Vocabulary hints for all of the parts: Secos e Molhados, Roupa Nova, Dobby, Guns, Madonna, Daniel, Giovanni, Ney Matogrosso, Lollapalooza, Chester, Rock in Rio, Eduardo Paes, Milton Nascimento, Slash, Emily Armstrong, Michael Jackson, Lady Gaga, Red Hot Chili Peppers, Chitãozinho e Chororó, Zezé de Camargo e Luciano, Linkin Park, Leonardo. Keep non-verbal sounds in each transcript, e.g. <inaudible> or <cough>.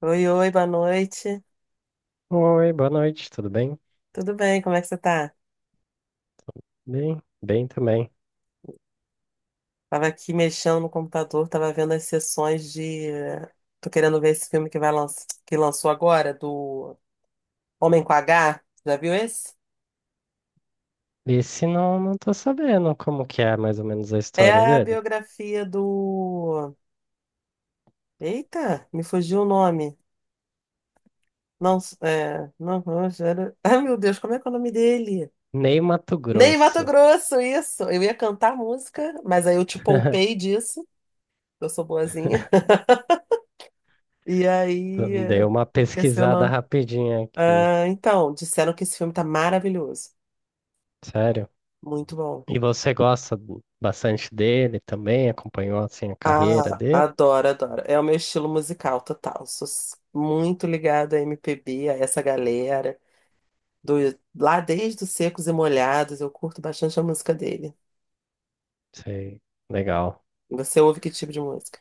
Oi, oi, boa noite. Oi, boa noite, tudo Bem, Tudo bem? Como é que você tá? Bem, também. Tava aqui mexendo no computador, tava vendo as sessões de. Tô querendo ver esse filme que vai lançar, que lançou agora, do Homem com H. Já viu esse? Esse não, tô sabendo como que é mais ou menos a É história a dele. biografia do. Eita, me fugiu o nome. Não, é. Não, era- <laughs> Ai, meu Deus, como é que é o nome dele? Ney Mato Ney Grosso. Matogrosso, isso. Eu ia cantar música, mas aí eu te poupei <laughs> disso. Eu sou boazinha. E aí. Dei eh, uma Esqueci o pesquisada nome. rapidinha aqui, Ah, então, disseram que esse filme tá maravilhoso. sério. Muito bom. E você gosta do- bastante dele também? Acompanhou assim a carreira Ah, dele? adoro, adoro. É o meu estilo musical total. Muito ligada a MPB, a essa galera. Do, lá desde os Secos e Molhados, eu curto bastante a música dele. Sei, legal. Você ouve que tipo de música?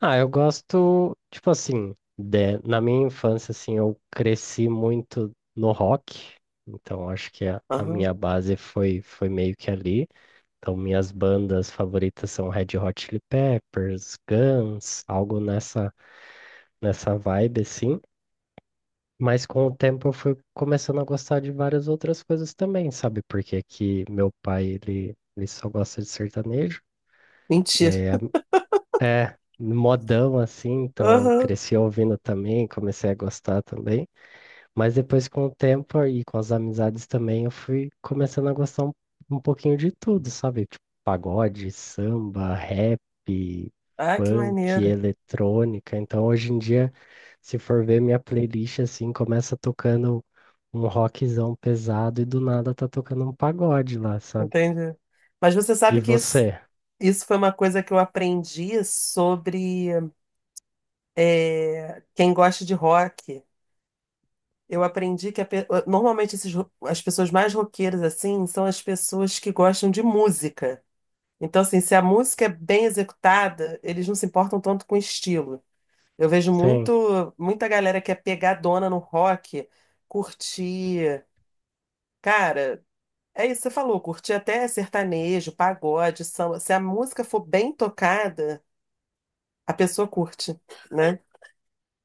Ah, eu gosto, tipo assim, de- na minha infância assim, eu cresci muito no rock, então acho que a Aham. minha base foi meio que ali. Então, minhas bandas favoritas são Red Hot Chili Peppers, Guns, algo nessa, nessa vibe, assim. Mas com o tempo eu fui começando a gostar de várias outras coisas também, sabe? Porque aqui meu pai, ele só gosta de sertanejo. Mentira. É, é modão, assim, então Aham. cresci ouvindo também, comecei a gostar também. Mas depois, com o tempo e com as amizades também, eu fui começando a gostar um pouquinho de tudo, sabe? Tipo, pagode, samba, rap, Ah, que funk, maneiro. eletrônica. Então, hoje em dia, se for ver minha playlist, assim, começa tocando um rockzão pesado e do nada tá tocando um pagode lá, sabe? Entendi. Mas você E sabe que você? isso foi uma coisa que eu aprendi sobre quem gosta de rock. Eu aprendi que normalmente as pessoas mais roqueiras assim são as pessoas que gostam de música. Então, assim, se a música é bem executada, eles não se importam tanto com o estilo. Eu vejo Sim, muito, muita galera que é pegadona no rock, curtir. Cara, é isso que você falou, curtir até sertanejo, pagode, samba. Se a música for bem tocada, a pessoa curte, né?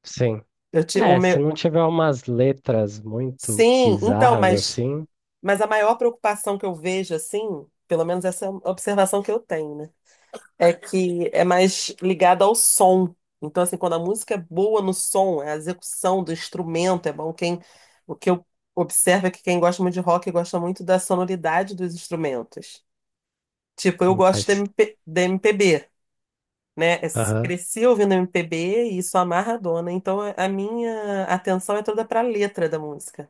sim. Eu te, o É, se meu... não tiver umas letras muito Sim, então, bizarras mas. assim, Mas a maior preocupação que eu vejo, assim, pelo menos essa é a observação que eu tenho, né? É que é mais ligado ao som. Então, assim, quando a música é boa no som, a execução do instrumento é bom. Quem, o que eu observo é que quem gosta muito de rock gosta muito da sonoridade dos instrumentos. Tipo, eu não gosto de, faz. MPB, né? Eu Aham. cresci ouvindo MPB e isso amarra a dona. Então, a minha atenção é toda para a letra da música,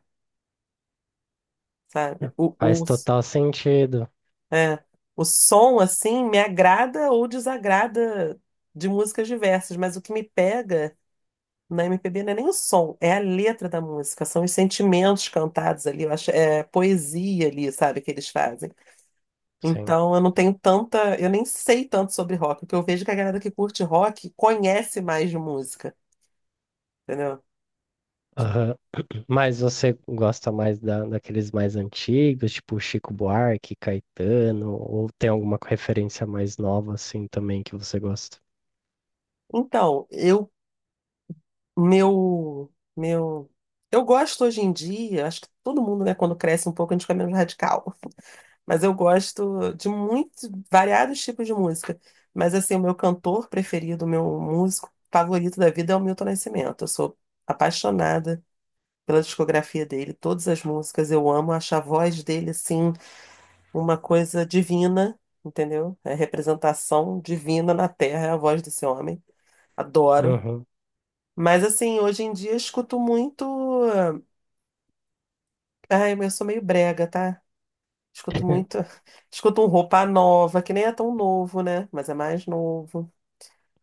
sabe? Faz O total sentido. é, o som, assim, me agrada ou desagrada de músicas diversas, mas o que me pega na MPB não é nem o som, é a letra da música, são os sentimentos cantados ali, eu acho, é poesia ali, sabe, que eles fazem. Sim. Então, eu não tenho tanta, eu nem sei tanto sobre rock, porque eu vejo que a galera que curte rock conhece mais de música, entendeu? Aham. <clears throat> Mas você gosta mais da, daqueles mais antigos, tipo Chico Buarque, Caetano, ou tem alguma referência mais nova assim também que você gosta? Então, meu, meu, eu gosto hoje em dia, acho que todo mundo, né, quando cresce um pouco, a gente fica menos radical. Mas eu gosto de muitos, variados tipos de música. Mas assim, o meu cantor preferido, o meu músico favorito da vida é o Milton Nascimento. Eu sou apaixonada pela discografia dele, todas as músicas eu amo, acho a voz dele assim uma coisa divina, entendeu? É representação divina na Terra, é a voz desse homem. Adoro. Uhum. Mas assim, hoje em dia eu escuto muito, ai, eu sou meio brega, tá? Escuto muito. <laughs> <laughs> Escuto um Roupa Nova, que nem é tão novo, né? Mas é mais novo.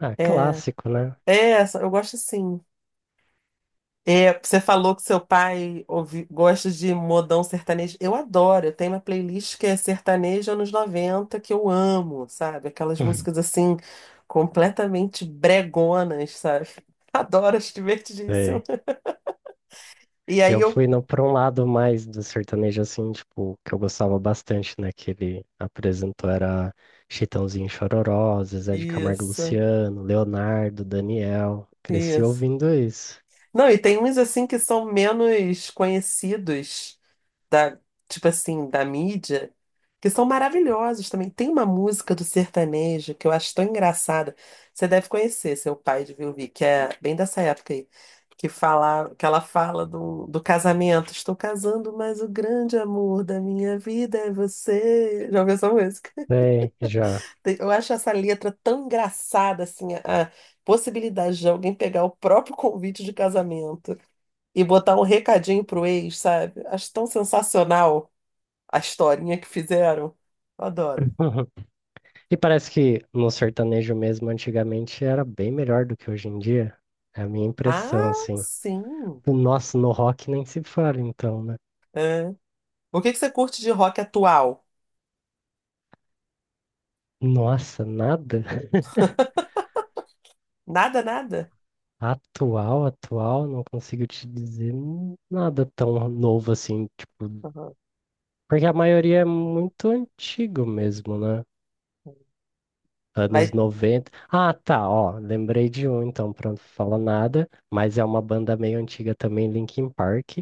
Ah, É, clássico, né? é essa, eu gosto assim. É, você falou que seu pai ouvi, gosta de modão sertanejo. Eu adoro, eu tenho uma playlist que é sertanejo anos 90 que eu amo, sabe? Aquelas músicas <laughs> assim, completamente bregonas, sabe? <laughs> Adoro, acho divertidíssimo. É. E aí Eu eu. fui no, pra um lado mais do sertanejo, assim, tipo, que eu gostava bastante, né? Que ele apresentou era Chitãozinho e Chororó, Zezé de Camargo e Isso, Luciano, Leonardo, Daniel. Cresci isso. ouvindo isso. Não, e tem uns assim que são menos conhecidos da, tipo assim, da mídia, que são maravilhosos também. Tem uma música do sertanejo que eu acho tão engraçada. Você deve conhecer, seu pai de ouvir, que é bem dessa época aí, que fala, que ela fala do, do casamento. Estou casando, mas o grande amor da minha vida é você. Já ouviu essa música? Sei, já. Tem- eu acho essa letra tão engraçada, assim, a possibilidade de alguém pegar o próprio convite de casamento e botar um recadinho pro ex, sabe? Acho tão sensacional. A historinha que fizeram. Eu adoro. <laughs> E parece que no sertanejo mesmo, antigamente, era bem melhor do que hoje em dia. É a minha impressão, Ah, assim. sim. O nosso no rock nem se fala, então, né? É. O que que você curte de rock atual? Nossa, nada? <laughs> Nada, nada? Atual, atual, não consigo te dizer nada tão novo assim, tipo, Aham. porque a maioria é muito antigo mesmo, né? Anos Vai. 90. Ah, tá, ó, lembrei de um, então, pronto, fala nada, mas é uma banda meio antiga também, Linkin Park.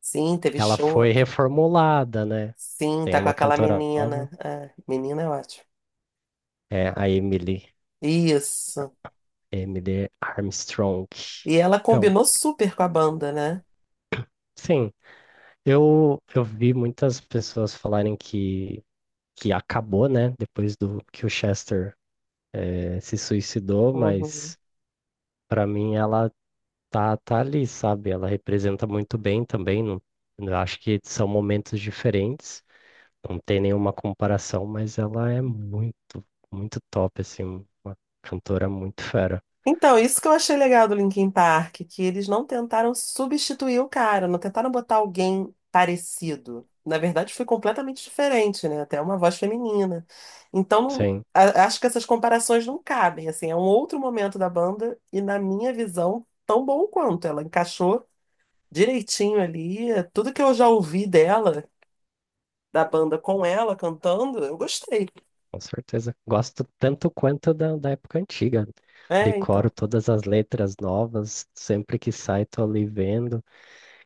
Sim, teve Ela show. foi reformulada, né? Sim, Tem tá com uma aquela cantora menina. nova, Ah, menina é ótimo. é a Emily, Isso. Emily Armstrong. E ela Então, combinou super com a banda, né? sim, eu vi muitas pessoas falarem que acabou, né? Depois do que o Chester se suicidou, Uhum. mas pra mim ela tá ali, sabe? Ela representa muito bem também. Não, eu acho que são momentos diferentes. Não tem nenhuma comparação, mas ela é muito, muito top, assim, uma cantora muito fera. Então, isso que eu achei legal do Linkin Park, que eles não tentaram substituir o cara, não tentaram botar alguém parecido. Na verdade, foi completamente diferente, né? Até uma voz feminina. Então, Sim, acho que essas comparações não cabem, assim, é um outro momento da banda e, na minha visão, tão bom quanto. Ela encaixou direitinho ali, tudo que eu já ouvi dela, da banda com ela cantando, eu gostei. com certeza. Gosto tanto quanto da, da época antiga. É, então, Decoro todas as letras novas, sempre que sai tô ali vendo.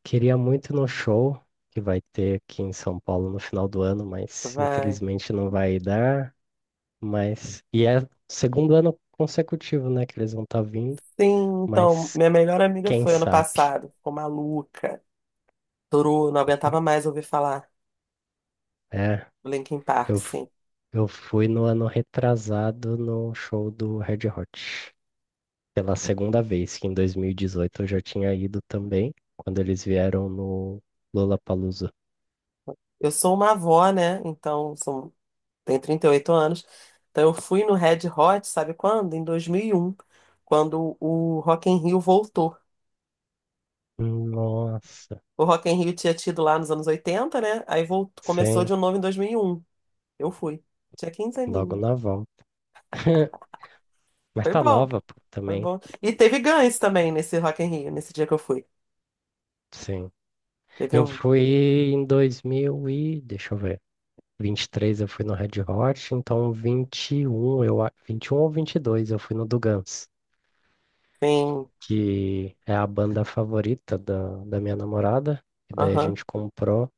Queria muito ir no show que vai ter aqui em São Paulo no final do ano, mas vai. infelizmente não vai dar. Mas, e é o segundo ano consecutivo, né, que eles vão estar vindo, Sim, então, mas minha melhor amiga quem foi ano sabe, passado, ficou maluca, durou, não aguentava mais ouvir falar é. do Linkin Park, Eu, f- sim. eu fui no ano retrasado no show do Red Hot. Pela segunda vez, que em 2018 eu já tinha ido também, quando eles vieram no Lollapalooza. Eu sou uma avó, né? Então, são, tenho 38 anos. Então, eu fui no Red Hot, sabe quando? Em 2001, quando o Rock in Rio voltou. Nossa, O Rock in Rio tinha tido lá nos anos 80, né? Aí voltou, começou sim, de novo em 2001. Eu fui. Tinha 15 logo aninhos. na volta. <laughs> Mas Foi tá bom, nova, pô, foi também. bom. E teve Guns também nesse Rock in Rio, nesse dia que eu fui. Sim. Teve Eu um... fui em 2023 eu fui no Red Hot, então 21 eu, 21 ou 22 eu fui no do Guns. Tem... Que é a banda favorita da minha namorada. E daí a gente comprou,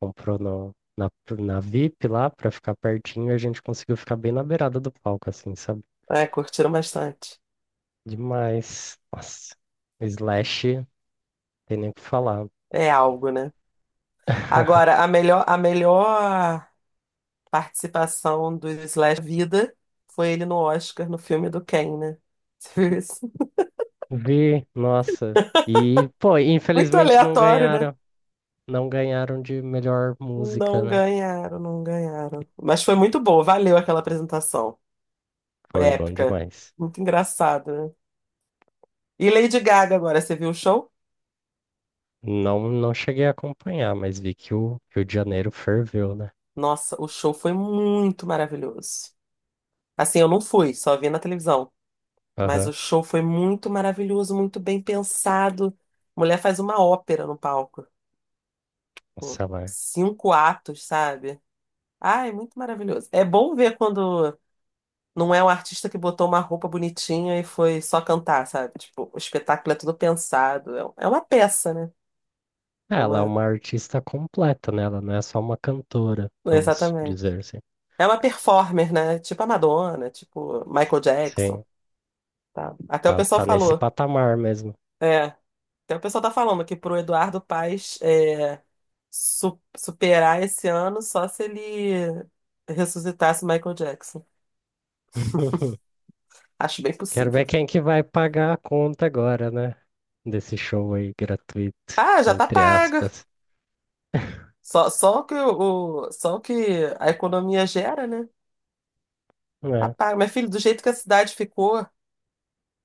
comprou no, na, na VIP lá pra ficar pertinho e a gente conseguiu ficar bem na beirada do palco, assim, sabe? É, curtiram bastante. Demais. Nossa, Slash, tem nem o que falar. É algo, né? Agora, a melhor participação do Slash Vida foi ele no Oscar, no filme do Ken, né? <laughs> Você viu isso? Vi, nossa. E, pô, Muito infelizmente não aleatório, né? ganharam. Não ganharam de melhor música, Não né? ganharam, não ganharam. Mas foi muito boa, valeu aquela apresentação. Foi Foi bom épica. demais. Muito engraçado, né? E Lady Gaga agora, você viu o show? Não, não cheguei a acompanhar, mas vi que o Rio de Janeiro ferveu, né? Nossa, o show foi muito maravilhoso. Assim, eu não fui, só vi na televisão. Mas Aham. o show foi muito maravilhoso, muito bem pensado. Mulher faz uma ópera no palco, tipo, Nossa, lá. 5 atos, sabe? Ah, é muito maravilhoso. É bom ver quando não é um artista que botou uma roupa bonitinha e foi só cantar, sabe? Tipo, o espetáculo é tudo pensado. É uma peça, né? É, É ela é uma. uma artista completa, né? Ela não é só uma cantora, vamos Exatamente. dizer assim. É uma performer, né? Tipo a Madonna, tipo Michael Jackson, Sim, tá? Até o tá, pessoal tá nesse falou. patamar mesmo. É. Até o pessoal tá falando que pro Eduardo Paes superar esse ano só se ele ressuscitasse Michael Jackson. <laughs> Acho bem Quero possível. ver quem que vai pagar a conta agora, né? Desse show aí gratuito, Ah, já tá entre pago. aspas. Só o que a economia gera, né? Tá É. paga. Mas, filho, do jeito que a cidade ficou,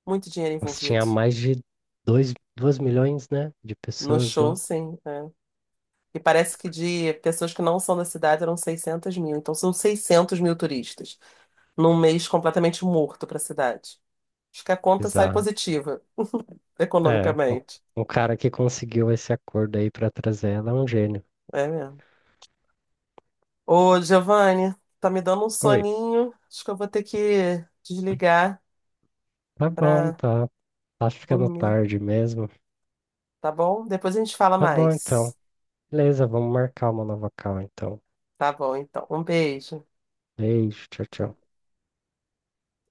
muito dinheiro Mas envolvido. tinha mais de dois milhões, né? De No pessoas lá. show, sim. É. E parece que de pessoas que não são da cidade eram 600 mil. Então são 600 mil turistas num mês completamente morto para a cidade. Acho que a conta sai Bizarro. positiva É, economicamente. o cara que conseguiu esse acordo aí pra trazer ela é um gênio. É mesmo. Ô, Giovanni, tá me dando um Oi, soninho. Acho que eu vou ter que desligar tá bom, pra tá. Tá ficando dormir, tarde mesmo. tá bom? Depois a gente fala Tá bom então. mais. Beleza, vamos marcar uma nova call então. Tá bom, então. Um beijo. Beijo, tchau, tchau. Tchau.